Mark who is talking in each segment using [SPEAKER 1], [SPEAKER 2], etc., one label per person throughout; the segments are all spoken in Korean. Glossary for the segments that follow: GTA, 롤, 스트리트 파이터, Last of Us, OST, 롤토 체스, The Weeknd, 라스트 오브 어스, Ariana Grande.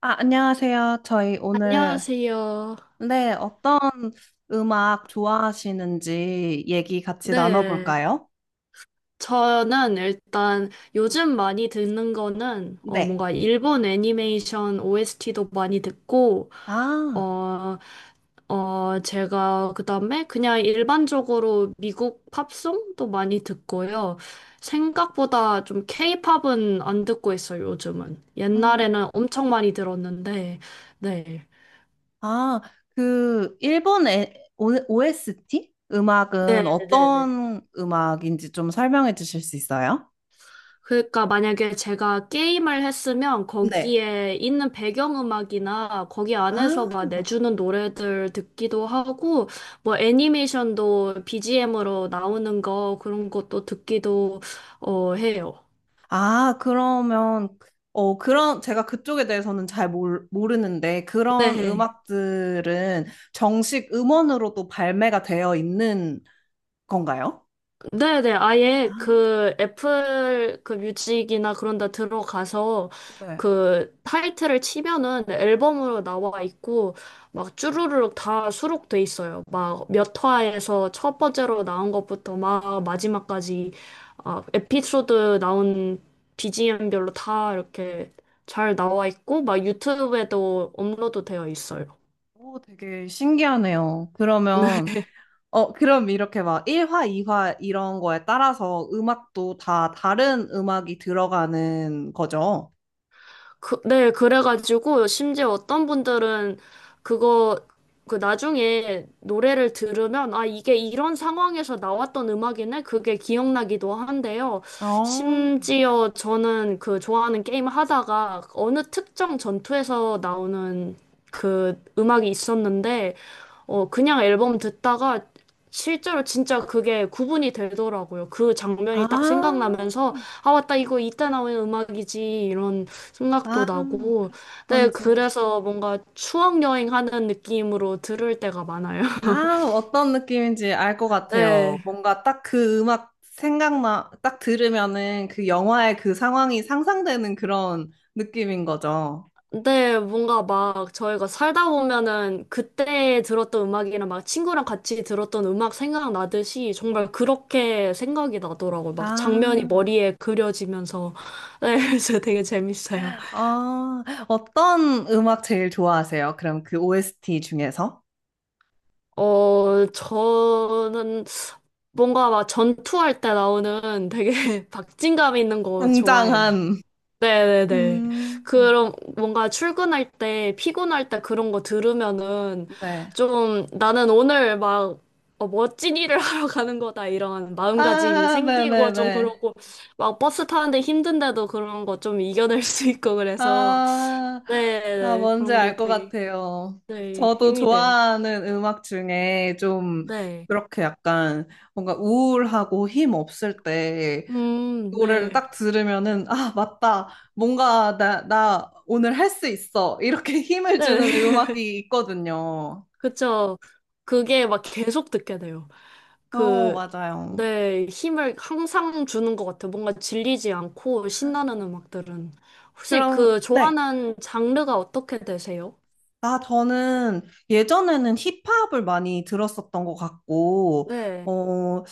[SPEAKER 1] 아, 안녕하세요. 저희 오늘,
[SPEAKER 2] 안녕하세요.
[SPEAKER 1] 네, 어떤 음악 좋아하시는지 얘기 같이
[SPEAKER 2] 네.
[SPEAKER 1] 나눠볼까요?
[SPEAKER 2] 저는 일단 요즘 많이 듣는 거는
[SPEAKER 1] 네.
[SPEAKER 2] 뭔가 일본 애니메이션 OST도 많이 듣고
[SPEAKER 1] 아,
[SPEAKER 2] 어 제가 그다음에 그냥 일반적으로 미국 팝송도 많이 듣고요. 생각보다 좀 케이팝은 안 듣고 있어요, 요즘은.
[SPEAKER 1] 음,
[SPEAKER 2] 옛날에는 엄청 많이 들었는데. 네.
[SPEAKER 1] 아, 그, 일본 에, OST? 음악은
[SPEAKER 2] 네, 네, 네.
[SPEAKER 1] 어떤 음악인지 좀 설명해 주실 수 있어요?
[SPEAKER 2] 그러니까 만약에 제가 게임을 했으면
[SPEAKER 1] 네.
[SPEAKER 2] 거기에 있는 배경음악이나 거기
[SPEAKER 1] 아,
[SPEAKER 2] 안에서 막 내주는 노래들 듣기도 하고 뭐 애니메이션도 BGM으로 나오는 거 그런 것도 듣기도 해요.
[SPEAKER 1] 아, 그러면, 어, 그런, 제가 그쪽에 대해서는 잘 모르는데, 그런
[SPEAKER 2] 네.
[SPEAKER 1] 음악들은 정식 음원으로도 발매가 되어 있는 건가요?
[SPEAKER 2] 네네,
[SPEAKER 1] 아,
[SPEAKER 2] 아예 그 애플 그 뮤직이나 그런 데 들어가서
[SPEAKER 1] 네.
[SPEAKER 2] 그 타이틀을 치면은 앨범으로 나와 있고 막 쭈루룩 다 수록돼 있어요. 막 몇 화에서 첫 번째로 나온 것부터 막 마지막까지 아, 에피소드 나온 BGM별로 다 이렇게 잘 나와 있고 막 유튜브에도 업로드 되어 있어요.
[SPEAKER 1] 오, 되게 신기하네요. 그러면, 어, 그럼 이렇게 막 1화, 2화 이런 거에 따라서 음악도 다 다른 음악이 들어가는 거죠?
[SPEAKER 2] 그, 네, 그래가지고 심지어 어떤 분들은 그거 그 나중에 노래를 들으면 아 이게 이런 상황에서 나왔던 음악이네 그게 기억나기도 한데요.
[SPEAKER 1] 어,
[SPEAKER 2] 심지어 저는 그 좋아하는 게임 하다가 어느 특정 전투에서 나오는 그 음악이 있었는데 그냥 앨범 듣다가 실제로 진짜 그게 구분이 되더라고요. 그 장면이 딱
[SPEAKER 1] 아,
[SPEAKER 2] 생각나면서 아 맞다 이거 이때 나오는 음악이지 이런
[SPEAKER 1] 아,
[SPEAKER 2] 생각도 나고. 네,
[SPEAKER 1] 뭔지.
[SPEAKER 2] 그래서 뭔가 추억 여행하는 느낌으로 들을 때가 많아요.
[SPEAKER 1] 아, 어떤 느낌인지 알 것 같아요.
[SPEAKER 2] 네.
[SPEAKER 1] 뭔가 딱 그 음악 생각나, 딱 들으면은 그 영화의 그 상황이 상상되는 그런 느낌인 거죠.
[SPEAKER 2] 근데 뭔가 막 저희가 살다 보면은 그때 들었던 음악이랑 막 친구랑 같이 들었던 음악 생각나듯이 정말 그렇게 생각이 나더라고요. 막 장면이
[SPEAKER 1] 아,
[SPEAKER 2] 머리에 그려지면서. 네, 그래서 되게 재밌어요.
[SPEAKER 1] 아, 어떤 음악 제일 좋아하세요? 그럼 그 OST 중에서?
[SPEAKER 2] 어, 저는 뭔가 막 전투할 때 나오는 되게 박진감 있는 거 좋아해요.
[SPEAKER 1] 웅장한.
[SPEAKER 2] 네네네.
[SPEAKER 1] 음,
[SPEAKER 2] 그럼 뭔가 출근할 때, 피곤할 때 그런 거 들으면은
[SPEAKER 1] 네.
[SPEAKER 2] 좀 나는 오늘 막 어, 멋진 일을 하러 가는 거다 이런 마음가짐이
[SPEAKER 1] 아,
[SPEAKER 2] 생기고 좀
[SPEAKER 1] 네네네.
[SPEAKER 2] 그러고 막 버스 타는데 힘든데도 그런 거 좀 이겨낼 수 있고 그래서
[SPEAKER 1] 아, 아,
[SPEAKER 2] 네네.
[SPEAKER 1] 뭔지
[SPEAKER 2] 그런 거
[SPEAKER 1] 알 것
[SPEAKER 2] 되게
[SPEAKER 1] 같아요.
[SPEAKER 2] 네,
[SPEAKER 1] 저도
[SPEAKER 2] 힘이 돼요.
[SPEAKER 1] 좋아하는 음악 중에 좀
[SPEAKER 2] 네.
[SPEAKER 1] 그렇게 약간 뭔가 우울하고 힘 없을 때 노래를
[SPEAKER 2] 네.
[SPEAKER 1] 딱 들으면은, 아, 맞다. 뭔가 나 오늘 할 수 있어. 이렇게 힘을
[SPEAKER 2] 네.
[SPEAKER 1] 주는 음악이 있거든요.
[SPEAKER 2] 그쵸. 그게 막 계속 듣게 돼요.
[SPEAKER 1] 어,
[SPEAKER 2] 그,
[SPEAKER 1] 맞아요.
[SPEAKER 2] 내 힘을 항상 주는 것 같아요. 뭔가 질리지 않고 신나는 음악들은. 혹시
[SPEAKER 1] 그럼,
[SPEAKER 2] 그
[SPEAKER 1] 네.
[SPEAKER 2] 좋아하는 장르가 어떻게 되세요?
[SPEAKER 1] 아, 저는 예전에는 힙합을 많이 들었었던 것 같고,
[SPEAKER 2] 네,
[SPEAKER 1] 어,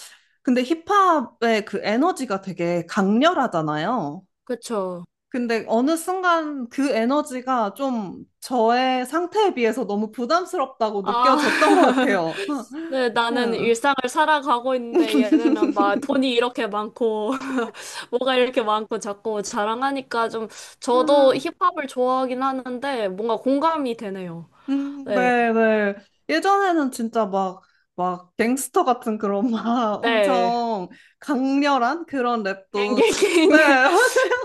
[SPEAKER 1] 근데 힙합의 그 에너지가 되게 강렬하잖아요.
[SPEAKER 2] 그쵸.
[SPEAKER 1] 근데 어느 순간 그 에너지가 좀 저의 상태에 비해서 너무 부담스럽다고
[SPEAKER 2] 아,
[SPEAKER 1] 느껴졌던 것 같아요.
[SPEAKER 2] 네, 나는 일상을 살아가고
[SPEAKER 1] 응
[SPEAKER 2] 있는데 얘네는 막 돈이 이렇게 많고, 뭐가 이렇게 많고 자꾸 자랑하니까 좀, 저도 힙합을 좋아하긴 하는데 뭔가 공감이 되네요. 네,
[SPEAKER 1] 네, 네. 예전에는 진짜 막, 막, 갱스터 같은 그런 막
[SPEAKER 2] 네.
[SPEAKER 1] 엄청 강렬한 그런 랩도, 네,
[SPEAKER 2] 갱갱갱.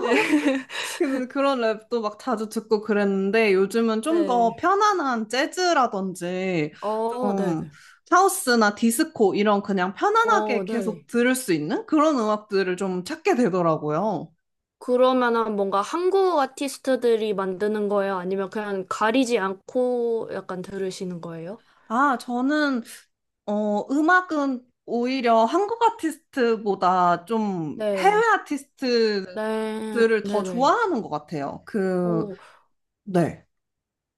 [SPEAKER 2] 네.
[SPEAKER 1] 그, 그런 랩도 막 자주 듣고 그랬는데 요즘은 좀 더
[SPEAKER 2] 네.
[SPEAKER 1] 편안한 재즈라든지
[SPEAKER 2] 어,
[SPEAKER 1] 좀
[SPEAKER 2] 네네.
[SPEAKER 1] 하우스나 디스코 이런 그냥
[SPEAKER 2] 어,
[SPEAKER 1] 편안하게 계속
[SPEAKER 2] 네.
[SPEAKER 1] 들을 수 있는 그런 음악들을 좀 찾게 되더라고요.
[SPEAKER 2] 그러면은 뭔가 한국 아티스트들이 만드는 거예요? 아니면 그냥 가리지 않고 약간 들으시는 거예요?
[SPEAKER 1] 아, 저는 어, 음악은 오히려 한국 아티스트보다 좀 해외
[SPEAKER 2] 네.
[SPEAKER 1] 아티스트들을
[SPEAKER 2] 네.
[SPEAKER 1] 더
[SPEAKER 2] 네네.
[SPEAKER 1] 좋아하는 것 같아요. 그,
[SPEAKER 2] 오
[SPEAKER 1] 네.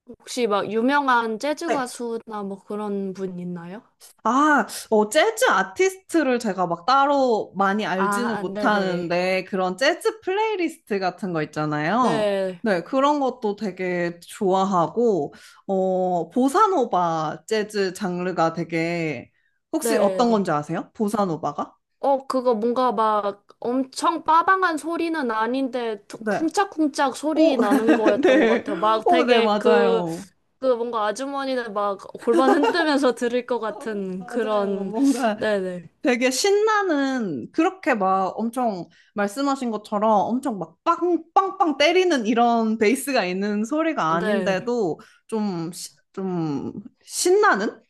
[SPEAKER 2] 혹시 막 유명한 재즈
[SPEAKER 1] 네.
[SPEAKER 2] 가수나 뭐 그런 분 있나요?
[SPEAKER 1] 아, 어, 재즈 아티스트를 제가 막 따로 많이
[SPEAKER 2] 아,
[SPEAKER 1] 알지는
[SPEAKER 2] 아, 네네.
[SPEAKER 1] 못하는데, 그런 재즈 플레이리스트 같은 거 있잖아요.
[SPEAKER 2] 네.
[SPEAKER 1] 네, 그런 것도 되게 좋아하고, 어, 보사노바 재즈 장르가 되게, 혹시 어떤
[SPEAKER 2] 네네.
[SPEAKER 1] 건지 아세요? 보사노바가?
[SPEAKER 2] 어, 그거 뭔가 막 엄청 빠방한 소리는 아닌데 퉁
[SPEAKER 1] 네.
[SPEAKER 2] 쿵짝쿵짝 소리
[SPEAKER 1] 오,
[SPEAKER 2] 나는 거였던 것
[SPEAKER 1] 네.
[SPEAKER 2] 같아요. 막
[SPEAKER 1] 오, 네,
[SPEAKER 2] 되게 그,
[SPEAKER 1] 맞아요.
[SPEAKER 2] 그 뭔가 아주머니들 막 골반 흔들면서 들을 것
[SPEAKER 1] 어,
[SPEAKER 2] 같은
[SPEAKER 1] 맞아요.
[SPEAKER 2] 그런,
[SPEAKER 1] 뭔가
[SPEAKER 2] 네네.
[SPEAKER 1] 되게 신나는, 그렇게 막 엄청 말씀하신 것처럼 엄청 막 빵, 빵빵 때리는 이런 베이스가 있는 소리가
[SPEAKER 2] 네.
[SPEAKER 1] 아닌데도 좀, 좀 신나는?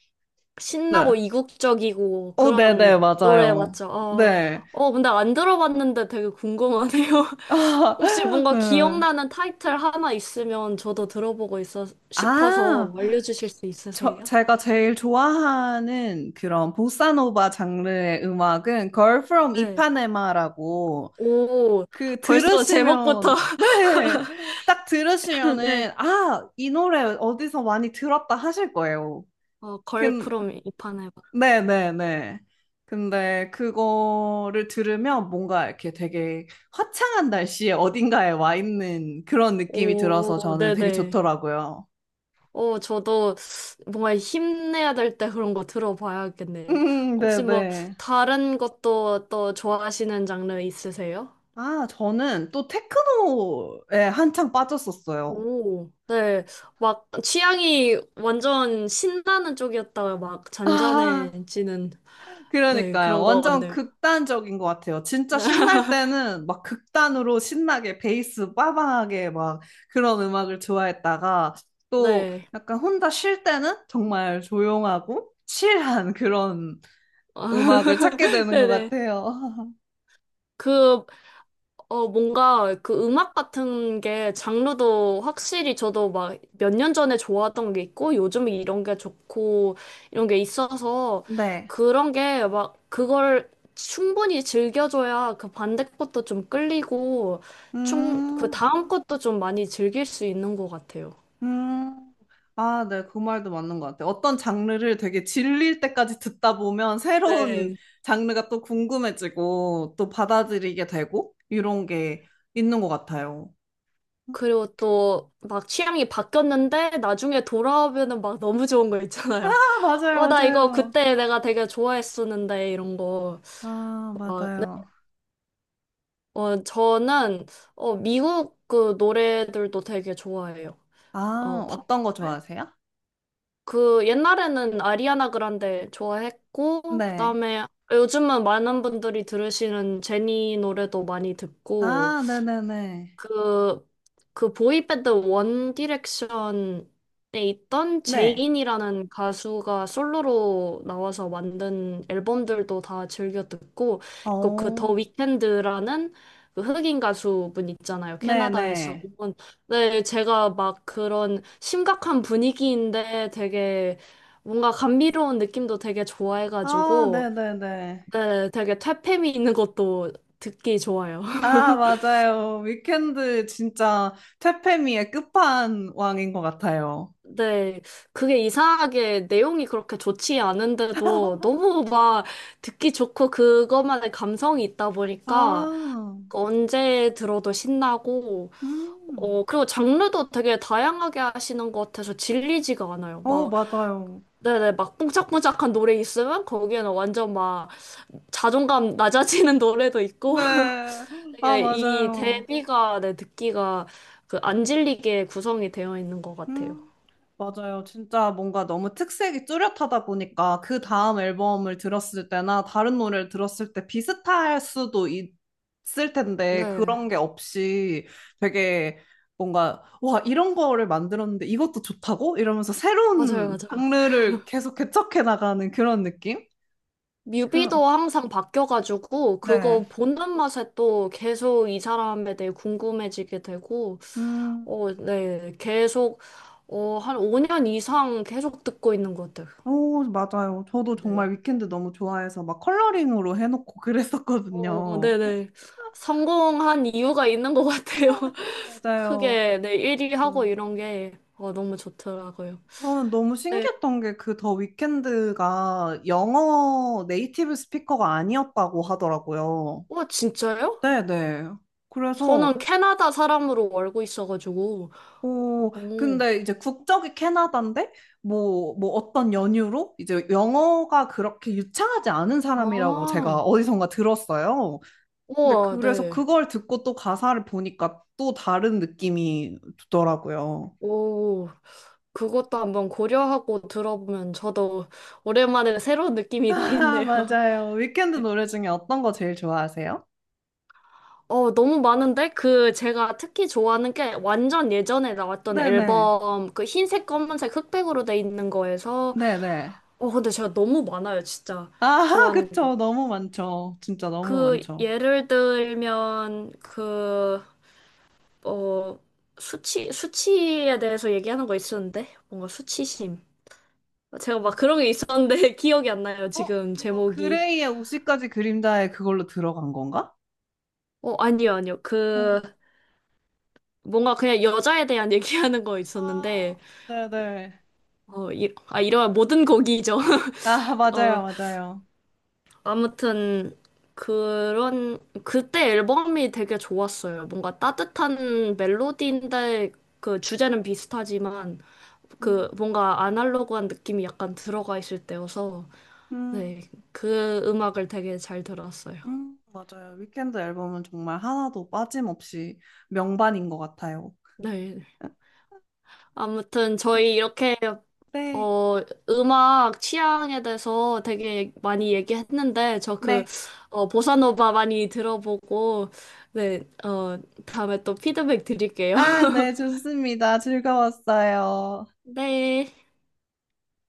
[SPEAKER 1] 네.
[SPEAKER 2] 신나고 이국적이고
[SPEAKER 1] 오, 네네,
[SPEAKER 2] 그런 노래
[SPEAKER 1] 맞아요.
[SPEAKER 2] 맞죠? 어,
[SPEAKER 1] 네.
[SPEAKER 2] 어, 근데 안 들어봤는데 되게 궁금하네요. 혹시
[SPEAKER 1] 아,
[SPEAKER 2] 뭔가
[SPEAKER 1] 네.
[SPEAKER 2] 기억나는 타이틀 하나 있으면 저도 들어보고 있어 싶어서
[SPEAKER 1] 아,
[SPEAKER 2] 알려주실 수 있으세요?
[SPEAKER 1] 제가 제일 좋아하는 그런 보사노바 장르의 음악은 Girl from
[SPEAKER 2] 네.
[SPEAKER 1] Ipanema라고
[SPEAKER 2] 오,
[SPEAKER 1] 그
[SPEAKER 2] 벌써 제목부터.
[SPEAKER 1] 들으시면 네, 딱
[SPEAKER 2] 네.
[SPEAKER 1] 들으시면은 아, 이 노래 어디서 많이 들었다 하실 거예요.
[SPEAKER 2] 어,
[SPEAKER 1] 근,
[SPEAKER 2] 걸프롬 이판해봐.
[SPEAKER 1] 네,
[SPEAKER 2] 네.
[SPEAKER 1] 네, 네. 근데 그거를 들으면 뭔가 이렇게 되게 화창한 날씨에 어딘가에 와 있는 그런 느낌이 들어서
[SPEAKER 2] 오,
[SPEAKER 1] 저는 되게
[SPEAKER 2] 네네.
[SPEAKER 1] 좋더라고요.
[SPEAKER 2] 어, 저도 뭔가 힘내야 될 때 그런 거 들어봐야겠네요.
[SPEAKER 1] 네,
[SPEAKER 2] 혹시 뭐
[SPEAKER 1] 네.
[SPEAKER 2] 다른 것도 또 좋아하시는 장르 있으세요?
[SPEAKER 1] 아, 저는 또 테크노에 한창 빠졌었어요.
[SPEAKER 2] 오, 네. 막 취향이 완전 신나는 쪽이었다가 막
[SPEAKER 1] 아,
[SPEAKER 2] 잔잔해지는 네,
[SPEAKER 1] 그러니까요.
[SPEAKER 2] 그런 거
[SPEAKER 1] 완전
[SPEAKER 2] 같네요.
[SPEAKER 1] 극단적인 것 같아요. 진짜
[SPEAKER 2] 네.
[SPEAKER 1] 신날 때는 막 극단으로 신나게 베이스 빠방하게 막 그런 음악을 좋아했다가 또
[SPEAKER 2] 네.
[SPEAKER 1] 약간 혼자 쉴 때는 정말 조용하고 칠한 그런 음악을 찾게 되는 것
[SPEAKER 2] 네네.
[SPEAKER 1] 같아요.
[SPEAKER 2] 그 어, 뭔가 그 음악 같은 게 장르도 확실히 저도 막 몇 년 전에 좋아하던 게 있고 요즘 이런 게 좋고 이런 게 있어서
[SPEAKER 1] 네.
[SPEAKER 2] 그런 게 막 그걸 충분히 즐겨줘야 그 반대 것도 좀 끌리고 충, 그
[SPEAKER 1] 음.
[SPEAKER 2] 다음 것도 좀 많이 즐길 수 있는 것 같아요.
[SPEAKER 1] 음, 아, 네, 그 말도 맞는 것 같아요. 어떤 장르를 되게 질릴 때까지 듣다 보면 새로운
[SPEAKER 2] 네.
[SPEAKER 1] 장르가 또 궁금해지고 또 받아들이게 되고 이런 게 있는 것 같아요. 음.
[SPEAKER 2] 그리고 또 막 취향이 바뀌었는데 나중에 돌아오면은 막 너무 좋은 거
[SPEAKER 1] 아,
[SPEAKER 2] 있잖아요.
[SPEAKER 1] 맞아요,
[SPEAKER 2] 어, 나 이거
[SPEAKER 1] 맞아요.
[SPEAKER 2] 그때 내가 되게 좋아했었는데 이런 거.
[SPEAKER 1] 아,
[SPEAKER 2] 어, 네.
[SPEAKER 1] 맞아요.
[SPEAKER 2] 어, 저는 어, 미국 그 노래들도 되게 좋아해요. 어,
[SPEAKER 1] 아,
[SPEAKER 2] 팝.
[SPEAKER 1] 어떤 거 좋아하세요?
[SPEAKER 2] 그 옛날에는 아리아나 그란데 좋아했고
[SPEAKER 1] 네.
[SPEAKER 2] 그다음에 요즘은 많은 분들이 들으시는 제니 노래도 많이 듣고
[SPEAKER 1] 아, 네네네.
[SPEAKER 2] 그, 그 보이밴드 원 디렉션에 있던
[SPEAKER 1] 네.
[SPEAKER 2] 제인이라는 가수가 솔로로 나와서 만든 앨범들도 다 즐겨 듣고, 그리고 그 더
[SPEAKER 1] 어,
[SPEAKER 2] 위켄드라는 그 흑인 가수분 있잖아요. 캐나다에서.
[SPEAKER 1] 네네.
[SPEAKER 2] 그분. 네, 제가 막 그런 심각한 분위기인데 되게 뭔가 감미로운 느낌도 되게
[SPEAKER 1] 아,
[SPEAKER 2] 좋아해가지고,
[SPEAKER 1] 네네네.
[SPEAKER 2] 네, 되게 퇴폐미 있는 것도 듣기 좋아요.
[SPEAKER 1] 아, 맞아요. 위켄드 진짜 퇴폐미의 끝판왕인 것 같아요.
[SPEAKER 2] 네, 그게 이상하게 내용이 그렇게 좋지 않은데도 너무 막 듣기 좋고 그것만의 감성이 있다 보니까
[SPEAKER 1] 아,
[SPEAKER 2] 언제 들어도 신나고,
[SPEAKER 1] 음.
[SPEAKER 2] 어, 그리고 장르도 되게 다양하게 하시는 것 같아서 질리지가 않아요.
[SPEAKER 1] 어,
[SPEAKER 2] 막,
[SPEAKER 1] 맞아요.
[SPEAKER 2] 네네, 막 뽕짝뽕짝한 노래 있으면 거기에는 완전 막 자존감 낮아지는 노래도 있고
[SPEAKER 1] 네. 아,
[SPEAKER 2] 되게 이
[SPEAKER 1] 맞아요.
[SPEAKER 2] 대비가 네, 듣기가 그 안 질리게 구성이 되어 있는 것 같아요.
[SPEAKER 1] 음, 맞아요. 진짜 뭔가 너무 특색이 뚜렷하다 보니까 그 다음 앨범을 들었을 때나 다른 노래를 들었을 때 비슷할 수도 있- 을 텐데
[SPEAKER 2] 네,
[SPEAKER 1] 그런 게 없이 되게 뭔가 와, 이런 거를 만들었는데 이것도 좋다고? 이러면서
[SPEAKER 2] 맞아요,
[SPEAKER 1] 새로운
[SPEAKER 2] 맞아요.
[SPEAKER 1] 장르를 계속 개척해 나가는 그런 느낌? 그런,
[SPEAKER 2] 뮤비도 항상 바뀌어가지고
[SPEAKER 1] 네.
[SPEAKER 2] 그거 보는 맛에 또 계속 이 사람에 대해 궁금해지게 되고
[SPEAKER 1] 음,
[SPEAKER 2] 어, 네, 계속 어, 한 5년 이상 계속 듣고 있는 것 같아요.
[SPEAKER 1] 오, 맞아요. 저도 정말
[SPEAKER 2] 네.
[SPEAKER 1] 위켄드 너무 좋아해서 막 컬러링으로 해놓고
[SPEAKER 2] 어,
[SPEAKER 1] 그랬었거든요.
[SPEAKER 2] 네네. 성공한 이유가 있는 것 같아요.
[SPEAKER 1] 맞아요. 맞아요.
[SPEAKER 2] 크게 네, 1위 하고 이런 게 어, 너무 좋더라고요.
[SPEAKER 1] 저는 너무
[SPEAKER 2] 네.
[SPEAKER 1] 신기했던 게 그 더 위켄드가 영어 네이티브 스피커가 아니었다고 하더라고요.
[SPEAKER 2] 와, 진짜요?
[SPEAKER 1] 네네. 그래서,
[SPEAKER 2] 저는 캐나다 사람으로 알고 있어가지고.
[SPEAKER 1] 어,
[SPEAKER 2] 오.
[SPEAKER 1] 근데 이제 국적이 캐나다인데, 뭐, 뭐 어떤 연유로 이제 영어가 그렇게 유창하지 않은 사람이라고 제가
[SPEAKER 2] 아.
[SPEAKER 1] 어디선가 들었어요. 근데
[SPEAKER 2] 우와,
[SPEAKER 1] 그래서
[SPEAKER 2] 네.
[SPEAKER 1] 그걸 듣고 또 가사를 보니까 또 다른 느낌이 들더라고요.
[SPEAKER 2] 오, 그것도 한번 고려하고 들어보면 저도 오랜만에 새로운 느낌이
[SPEAKER 1] 아,
[SPEAKER 2] 나겠네요.
[SPEAKER 1] 맞아요. 위켄드 노래 중에 어떤 거 제일 좋아하세요?
[SPEAKER 2] 어, 너무 많은데? 그 제가 특히 좋아하는 게 완전 예전에 나왔던
[SPEAKER 1] 네네.
[SPEAKER 2] 앨범 그 흰색, 검은색, 흑백으로 돼 있는 거에서
[SPEAKER 1] 네네.
[SPEAKER 2] 어, 근데 제가 너무 많아요, 진짜.
[SPEAKER 1] 아하,
[SPEAKER 2] 좋아하는 게.
[SPEAKER 1] 그쵸. 너무 많죠. 진짜 너무
[SPEAKER 2] 그
[SPEAKER 1] 많죠.
[SPEAKER 2] 예를 들면 그 어, 수치, 수치에 대해서 얘기하는 거 있었는데? 뭔가 수치심. 제가
[SPEAKER 1] 아,
[SPEAKER 2] 막 그런 게 있었는데 기억이 안 나요,
[SPEAKER 1] 어,
[SPEAKER 2] 지금
[SPEAKER 1] 그거
[SPEAKER 2] 제목이.
[SPEAKER 1] 그레이의 50가지 그림자에 그걸로 들어간 건가?
[SPEAKER 2] 어, 아니요, 아니요. 그,
[SPEAKER 1] 어.
[SPEAKER 2] 뭔가 그냥 여자에 대한 얘기하는 거
[SPEAKER 1] 아,
[SPEAKER 2] 있었는데,
[SPEAKER 1] 네네.
[SPEAKER 2] 어, 이, 아, 이런 모든 곡이죠.
[SPEAKER 1] 아, 맞아요,
[SPEAKER 2] 어,
[SPEAKER 1] 맞아요.
[SPEAKER 2] 아무튼, 그런, 그때 앨범이 되게 좋았어요. 뭔가 따뜻한 멜로디인데, 그 주제는 비슷하지만, 그
[SPEAKER 1] 음,
[SPEAKER 2] 뭔가 아날로그한 느낌이 약간 들어가 있을 때여서, 네,
[SPEAKER 1] 음,
[SPEAKER 2] 그 음악을 되게 잘 들었어요.
[SPEAKER 1] 맞아요. 위켄드 앨범은 정말 하나도 빠짐없이 명반인 것 같아요.
[SPEAKER 2] 네. 아무튼
[SPEAKER 1] 네,
[SPEAKER 2] 저희 이렇게
[SPEAKER 1] 네.
[SPEAKER 2] 어, 음악 취향에 대해서 되게 많이 얘기했는데, 저
[SPEAKER 1] 네.
[SPEAKER 2] 그, 어, 보사노바 많이 들어보고, 네, 어, 다음에 또 피드백 드릴게요.
[SPEAKER 1] 아, 네, 좋습니다. 즐거웠어요.
[SPEAKER 2] 네.